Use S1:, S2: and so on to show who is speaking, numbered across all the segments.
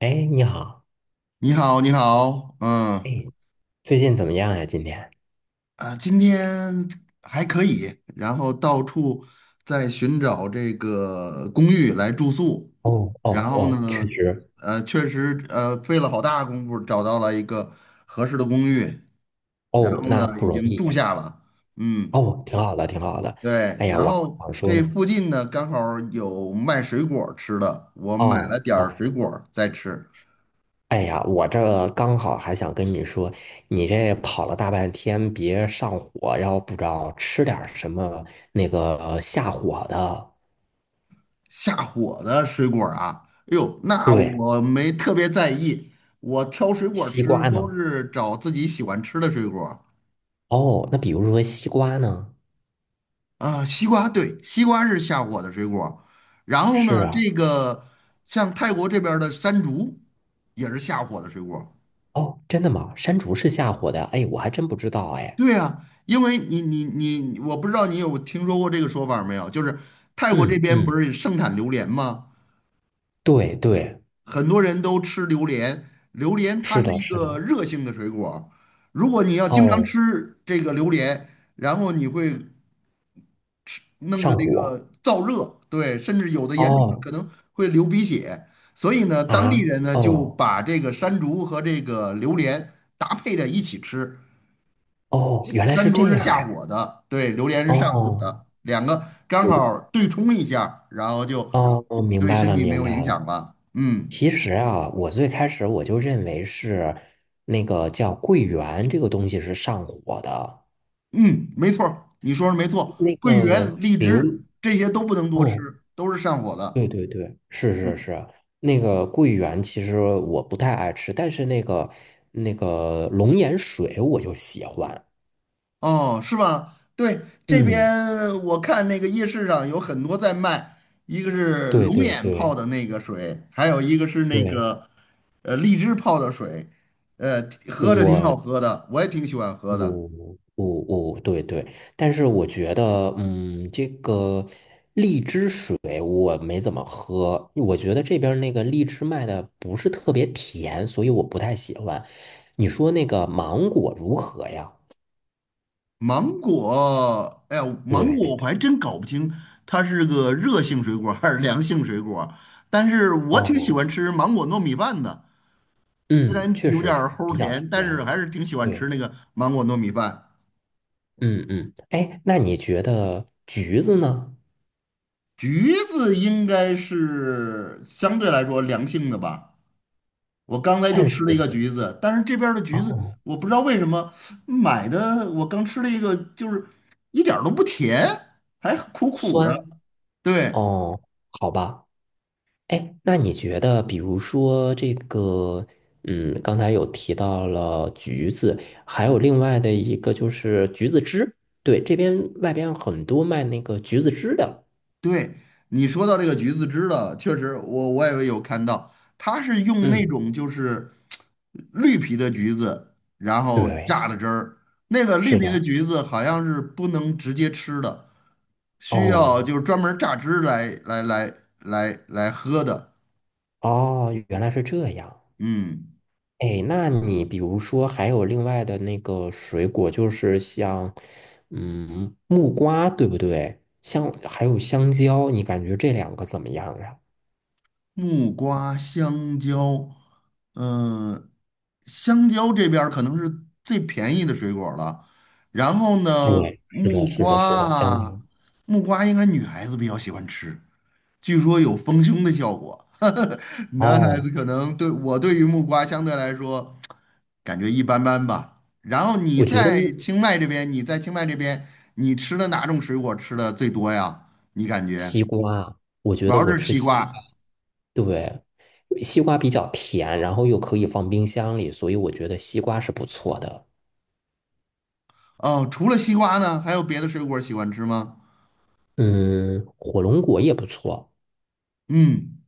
S1: 哎，你好，
S2: 你好，你好，嗯，
S1: 哎，最近怎么样呀？今天？
S2: 啊，今天还可以，然后到处在寻找这个公寓来住宿。
S1: 哦哦
S2: 然后
S1: 哦，确
S2: 呢，
S1: 实，
S2: 确实，费了好大功夫找到了一个合适的公寓，然
S1: 哦，
S2: 后呢，
S1: 那不
S2: 已
S1: 容
S2: 经
S1: 易，
S2: 住下了，嗯。
S1: 哦，挺好的，挺好的。
S2: 对，
S1: 哎呀，
S2: 然
S1: 我
S2: 后
S1: 想说
S2: 这
S1: 呢，
S2: 附近呢刚好有卖水果儿吃的，我买了
S1: 哦
S2: 点儿
S1: 哦，
S2: 水果儿在吃，
S1: 哎呀，我这刚好还想跟你说，你这跑了大半天，别上火，要不着吃点儿什么那个下火的。
S2: 下火的水果儿啊，哎呦，那
S1: 对，
S2: 我没特别在意，我挑水果儿
S1: 西
S2: 吃
S1: 瓜
S2: 都
S1: 呢？
S2: 是找自己喜欢吃的水果儿。
S1: 哦，那比如说西瓜呢？
S2: 啊，西瓜，对，西瓜是下火的水果儿。然后
S1: 是
S2: 呢，
S1: 啊，
S2: 这个像泰国这边儿的山竹也是下火的水果儿。
S1: 哦，真的吗？山竹是下火的？哎，我还真不知道，哎，
S2: 对啊，因为你，我不知道你有听说过这个说法儿没有，就是泰国这
S1: 嗯
S2: 边不
S1: 嗯
S2: 是盛产榴莲吗？
S1: 对对，
S2: 很多人都吃榴莲，榴莲它
S1: 是
S2: 是
S1: 的，
S2: 一
S1: 是
S2: 个
S1: 的。
S2: 热性的水果儿。如果你要经常
S1: 哦，
S2: 吃这个榴莲，然后你会弄得
S1: 上
S2: 这
S1: 火。
S2: 个燥热，对，甚至有的严重的
S1: 哦
S2: 可能会流鼻血。所以呢，当地
S1: 啊，
S2: 人呢就
S1: 哦
S2: 把这个山竹和这个榴莲搭配着一起吃，
S1: 哦，原来
S2: 山
S1: 是
S2: 竹
S1: 这
S2: 是
S1: 样
S2: 下
S1: 呀。
S2: 火的，对，榴莲是上火
S1: 哦，
S2: 的，两个刚
S1: 我
S2: 好对冲一下，然后就
S1: 哦，明
S2: 对
S1: 白
S2: 身
S1: 了，
S2: 体没
S1: 明
S2: 有
S1: 白
S2: 影响
S1: 了。
S2: 吧，嗯。
S1: 其实啊，我最开始我就认为是那个叫桂圆这个东西是上火的，
S2: 嗯，没错儿，你说的没错，
S1: 那
S2: 桂
S1: 个
S2: 圆、荔
S1: 刘，
S2: 枝这些都不能多吃，
S1: 嗯，
S2: 都是上火
S1: 对
S2: 的。
S1: 对对，是是
S2: 嗯，
S1: 是，那个桂圆其实我不太爱吃，但是那个龙眼水我就喜欢。
S2: 哦，是吧？对，这
S1: 嗯，
S2: 边我看那个夜市上有很多在卖，一个是
S1: 对
S2: 龙
S1: 对
S2: 眼泡
S1: 对。
S2: 的那个水，还有一个是那
S1: 对，
S2: 个荔枝泡的水，呃，喝着挺
S1: 我，
S2: 好喝的，我也挺喜欢喝的。
S1: 我，我，我，对对，但是我觉得，嗯，这个荔枝水我没怎么喝，我觉得这边儿那个荔枝卖的不是特别甜，所以我不太喜欢。你说那个芒果如何呀？
S2: 芒果，哎呀，芒果我
S1: 对，
S2: 还真搞不清它是个热性水果还是凉性水果，但是我挺喜
S1: 哦，
S2: 欢吃芒果糯米饭的，虽
S1: 嗯，
S2: 然
S1: 确
S2: 有
S1: 实
S2: 点
S1: 是
S2: 儿
S1: 比
S2: 齁
S1: 较
S2: 甜，但是
S1: 甜。
S2: 还是挺喜欢吃
S1: 对，
S2: 那个芒果糯米饭。
S1: 嗯嗯，哎，那你觉得橘子呢？
S2: 橘子应该是相对来说凉性的吧，我刚才就
S1: 但是，
S2: 吃了一个橘子，但是这边儿的橘子
S1: 哦，
S2: 我不知道为什么买的，我刚吃了一个就是一点儿都不甜，还苦苦的，
S1: 酸，
S2: 对。
S1: 哦，好吧。哎，那你觉得，比如说这个，嗯，刚才有提到了橘子，还有另外的一个就是橘子汁，对，这边外边很多卖那个橘子汁的。
S2: 对，你说到这个橘子汁了，确实我也有看到，它是用那
S1: 嗯，
S2: 种就是绿皮的橘子，然后
S1: 对，
S2: 榨的汁儿。那个绿
S1: 是
S2: 皮的
S1: 的。
S2: 橘子好像是不能直接吃的，需要就
S1: 哦，
S2: 是专门榨汁来喝的。
S1: 哦，原来是这样。
S2: 嗯。
S1: 哎，那你比如说还有另外的那个水果，就是像，嗯，木瓜，对不对？还有香蕉，你感觉这两个怎么样呀？
S2: 木瓜、香蕉，嗯，香蕉这边儿可能是最便宜的水果儿了。然后呢，
S1: 对，是的，
S2: 木
S1: 是
S2: 瓜
S1: 的，是的，香蕉。
S2: 啊，木瓜应该女孩子比较喜欢吃，据说有丰胸的效果。男孩子
S1: 哦，
S2: 可能对我对于木瓜相对来说感觉一般般吧。然后你
S1: 我觉得
S2: 在清迈这边，你在清迈这边，你吃的哪种水果吃的最多呀？你感觉
S1: 我
S2: 主
S1: 觉得
S2: 要
S1: 我
S2: 是
S1: 吃
S2: 西
S1: 西瓜，
S2: 瓜。
S1: 对，西瓜比较甜，然后又可以放冰箱里，所以我觉得西瓜是不错的。
S2: 哦，除了西瓜呢，还有别的水果喜欢吃吗？
S1: 嗯，火龙果也不错。
S2: 嗯，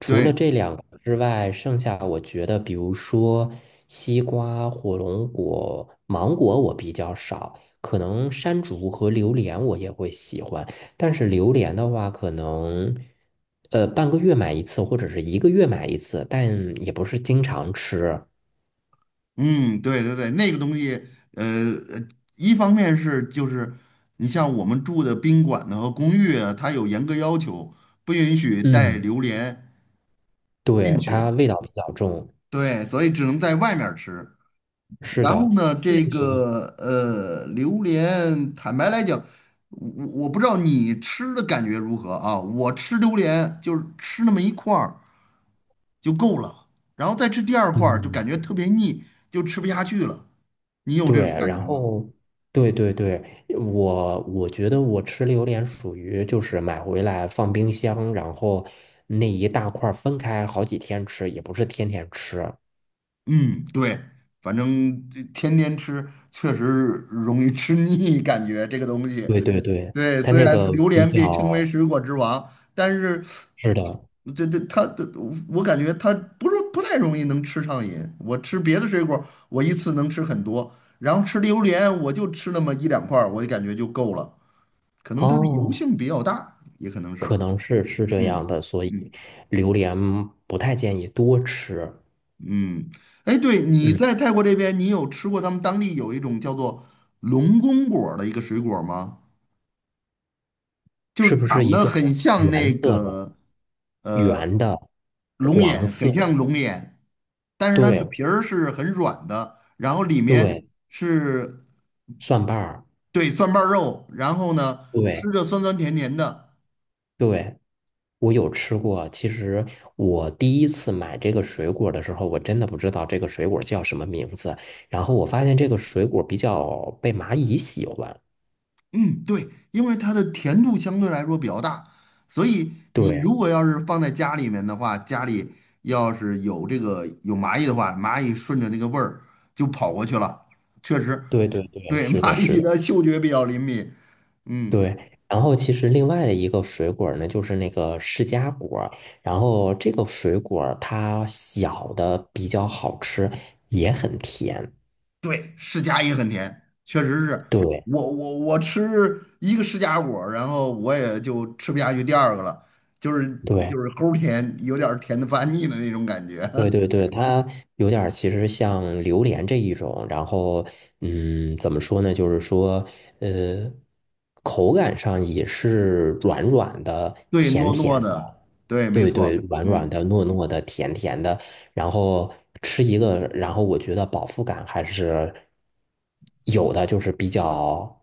S1: 除
S2: 对，
S1: 了这两个之外，剩下我觉得，比如说西瓜、火龙果、芒果，我比较少。可能山竹和榴莲我也会喜欢，但是榴莲的话，可能半个月买一次，或者是一个月买一次，但也不是经常吃。
S2: 嗯，对对对，那个东西，呃，呃一方面是就是你像我们住的宾馆呢和公寓啊它有严格要求，不允许带
S1: 嗯，
S2: 榴莲进
S1: 对，它
S2: 去，
S1: 味道比较重。
S2: 对，所以只能在外面儿吃。
S1: 是
S2: 然
S1: 的，
S2: 后呢，这个榴莲，坦白来讲，我不知道你吃的感觉如何啊？我吃榴莲就是吃那么一块儿。就够了。然后再吃第二块儿，就
S1: 嗯，
S2: 感觉特别腻，就吃不下去了。你有这
S1: 对，
S2: 种感
S1: 然
S2: 觉吗？
S1: 后对对对，我觉得我吃榴莲属于就是买回来放冰箱，然后那一大块儿分开好几天吃，也不是天天吃。
S2: 嗯，对，反正天天吃确实容易吃腻，感觉这个东西。
S1: 对对对，
S2: 对，
S1: 它
S2: 虽
S1: 那
S2: 然
S1: 个
S2: 榴
S1: 比
S2: 莲被称为
S1: 较
S2: 水果之王，但是
S1: 是的
S2: 这它的我感觉它不是不太容易能吃上瘾。我吃别的水果，我一次能吃很多，然后吃榴莲我就吃那么一两块儿，我就感觉就够了。可能它的油
S1: 哦，
S2: 性比较大，也可能
S1: 可
S2: 是。
S1: 能是这样
S2: 嗯
S1: 的，所以
S2: 嗯
S1: 榴莲不太建议多吃。
S2: 嗯，哎，对，你
S1: 嗯，
S2: 在泰国这边，你有吃过他们当地有一种叫做龙宫果儿的一个水果吗？就
S1: 是
S2: 是
S1: 不是
S2: 长
S1: 一
S2: 得
S1: 个
S2: 很像
S1: 原
S2: 那
S1: 色的、
S2: 个
S1: 圆的、
S2: 龙
S1: 黄
S2: 眼，
S1: 色
S2: 很
S1: 的？
S2: 像龙眼，但是它那个
S1: 对
S2: 皮儿是很软的，然后里面
S1: 对，
S2: 是
S1: 蒜瓣儿。
S2: 对蒜瓣儿肉，然后呢吃
S1: 对。
S2: 着酸酸甜甜的，
S1: 对，我有吃过。其实我第一次买这个水果的时候，我真的不知道这个水果叫什么名字。然后我发现这个水果比较被蚂蚁喜欢。
S2: 嗯，对，因为它的甜度相对来说比较大，所以你
S1: 对，
S2: 如果要是放在家里面的话，家里要是有这个有蚂蚁的话，蚂蚁顺着那个味儿就跑过去了。确实，
S1: 对对对，
S2: 对，
S1: 是的，
S2: 蚂
S1: 是
S2: 蚁
S1: 的，
S2: 的嗅觉比较灵敏。嗯，
S1: 对。然后其实另外的一个水果呢，就是那个释迦果。然后这个水果它小的比较好吃，也很甜。
S2: 对，释迦也很甜，确实是
S1: 对
S2: 我吃一个释迦果儿然后我也就吃不下去第二个了，就是
S1: 对，
S2: 就是齁甜，有点儿甜的发腻的那种感觉。
S1: 对对 对，它有点儿其实像榴莲这一种，然后嗯，怎么说呢？就是说，呃，口感上也是软软的、
S2: 对，
S1: 甜
S2: 糯
S1: 甜
S2: 糯
S1: 的，
S2: 的，对，没
S1: 对对，
S2: 错，
S1: 软软
S2: 嗯
S1: 的、糯糯的、甜甜的，然后吃一个，然后我觉得饱腹感还是有的，就是比较，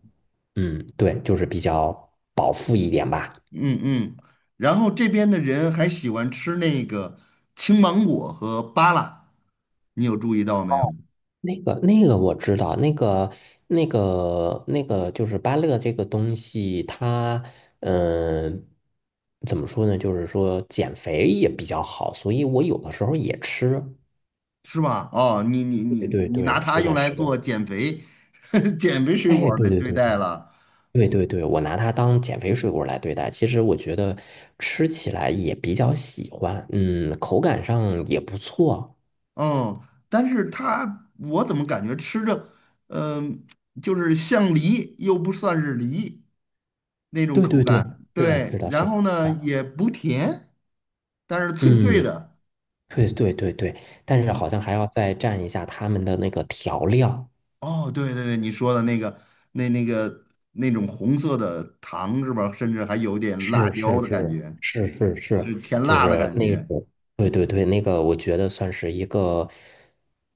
S1: 嗯，对，就是比较饱腹一点吧。
S2: 嗯嗯。然后这边的人还喜欢吃那个青芒果和芭乐，你有注意到没有？
S1: 那个我知道，那个就是芭乐这个东西，它嗯、怎么说呢？就是说减肥也比较好，所以我有的时候也吃。
S2: 是吧？哦，你你
S1: 对
S2: 你
S1: 对
S2: 你拿
S1: 对，
S2: 它
S1: 是
S2: 用
S1: 的，
S2: 来
S1: 是的。
S2: 做减肥 减肥水
S1: 哎，
S2: 果儿
S1: 对
S2: 的
S1: 对
S2: 对
S1: 对对
S2: 待了，
S1: 对对对，我拿它当减肥水果来对待，其实我觉得吃起来也比较喜欢，嗯，口感上也不错。
S2: 嗯。但是它我怎么感觉吃着，嗯、就是像梨又不算是梨那种
S1: 对
S2: 口
S1: 对对，
S2: 感，
S1: 是的，是
S2: 对。
S1: 的，
S2: 然
S1: 是
S2: 后呢，
S1: 的。
S2: 也不甜，但是脆脆
S1: 嗯。
S2: 的，
S1: 对对对对，但是
S2: 嗯。
S1: 好像还要再蘸一下他们的那个调料。
S2: 哦，对对对，你说的那个那个那种红色的糖是吧？甚至还有点辣
S1: 是是
S2: 椒的感
S1: 是
S2: 觉，
S1: 是是是，
S2: 是甜
S1: 就
S2: 辣的
S1: 是
S2: 感
S1: 那
S2: 觉。
S1: 种，对对对，那个我觉得算是一个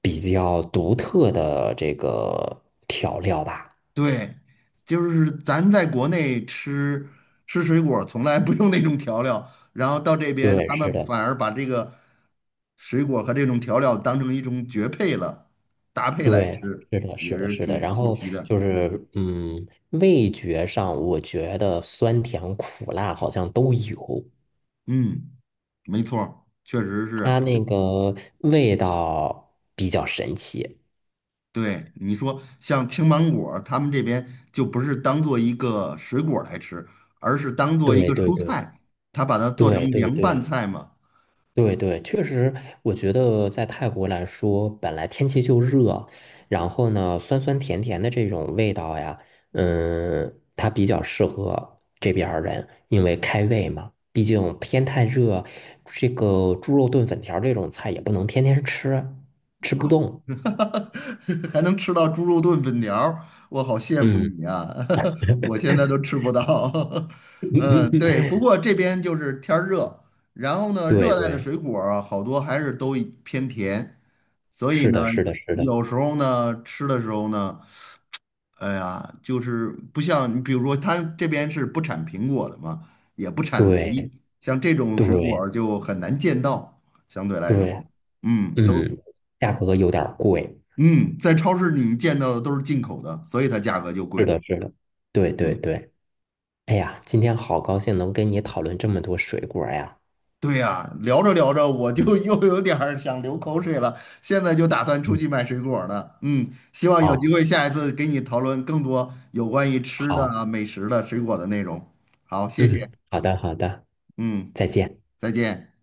S1: 比较独特的这个调料吧。
S2: 对，就是咱在国内吃吃水果儿从来不用那种调料，然后到这边
S1: 对，
S2: 他
S1: 是
S2: 们
S1: 的，
S2: 反而把这个水果和这种调料当成一种绝配了，搭配来
S1: 对，
S2: 吃，
S1: 是的，
S2: 也
S1: 是的，
S2: 是
S1: 是的。
S2: 挺
S1: 然
S2: 稀
S1: 后
S2: 奇的。
S1: 就是，味觉上我觉得酸甜苦辣好像都有，
S2: 嗯，没错儿确实
S1: 它
S2: 是。
S1: 那个味道比较神奇。
S2: 对，你说像青芒果儿他们这边就不是当做一个水果儿来吃，而是当做一
S1: 对
S2: 个
S1: 对
S2: 蔬
S1: 对。
S2: 菜，他把它做成
S1: 对对
S2: 凉拌
S1: 对
S2: 菜嘛。
S1: 对对，确实，我觉得在泰国来说，本来天气就热，然后呢，酸酸甜甜的这种味道呀，它比较适合这边儿人，因为开胃嘛。毕竟天太热，这个猪肉炖粉条儿这种菜也不能天天吃，吃不动。
S2: 还能吃到猪肉炖粉条儿，我好羡慕你
S1: 嗯，
S2: 呀、啊。 我现在都吃不到。嗯，对，不过这边就是天儿热，然后呢，
S1: 对
S2: 热带的
S1: 对，
S2: 水果儿啊好多还是都偏甜，所以
S1: 是
S2: 呢，
S1: 的，是的，是的，
S2: 有时候呢，吃的时候呢。哎呀，就是不像你，比如说，它这边是不产苹果的嘛，也不产梨，
S1: 对
S2: 像这种水果
S1: 对
S2: 儿就很难见到。相对来说，
S1: 对，
S2: 嗯，都
S1: 嗯，价格有点儿贵。
S2: 嗯，在超市里见到的都是进口的，所以它价格就
S1: 是
S2: 贵。
S1: 的，是的，对对
S2: 嗯，
S1: 对。哎呀，今天好高兴能跟你讨论这么多水果呀！
S2: 对呀，聊着聊着我就
S1: 嗯
S2: 又有点儿想流口水了，现在就打算出
S1: 嗯，
S2: 去买水果儿了。嗯，希望有机
S1: 好，
S2: 会下一次给你讨论更多有关于吃的
S1: 好，
S2: 啊美食的、水果的内容。好，谢谢。
S1: 嗯，好的，好的，
S2: 嗯，
S1: 再见。
S2: 再见。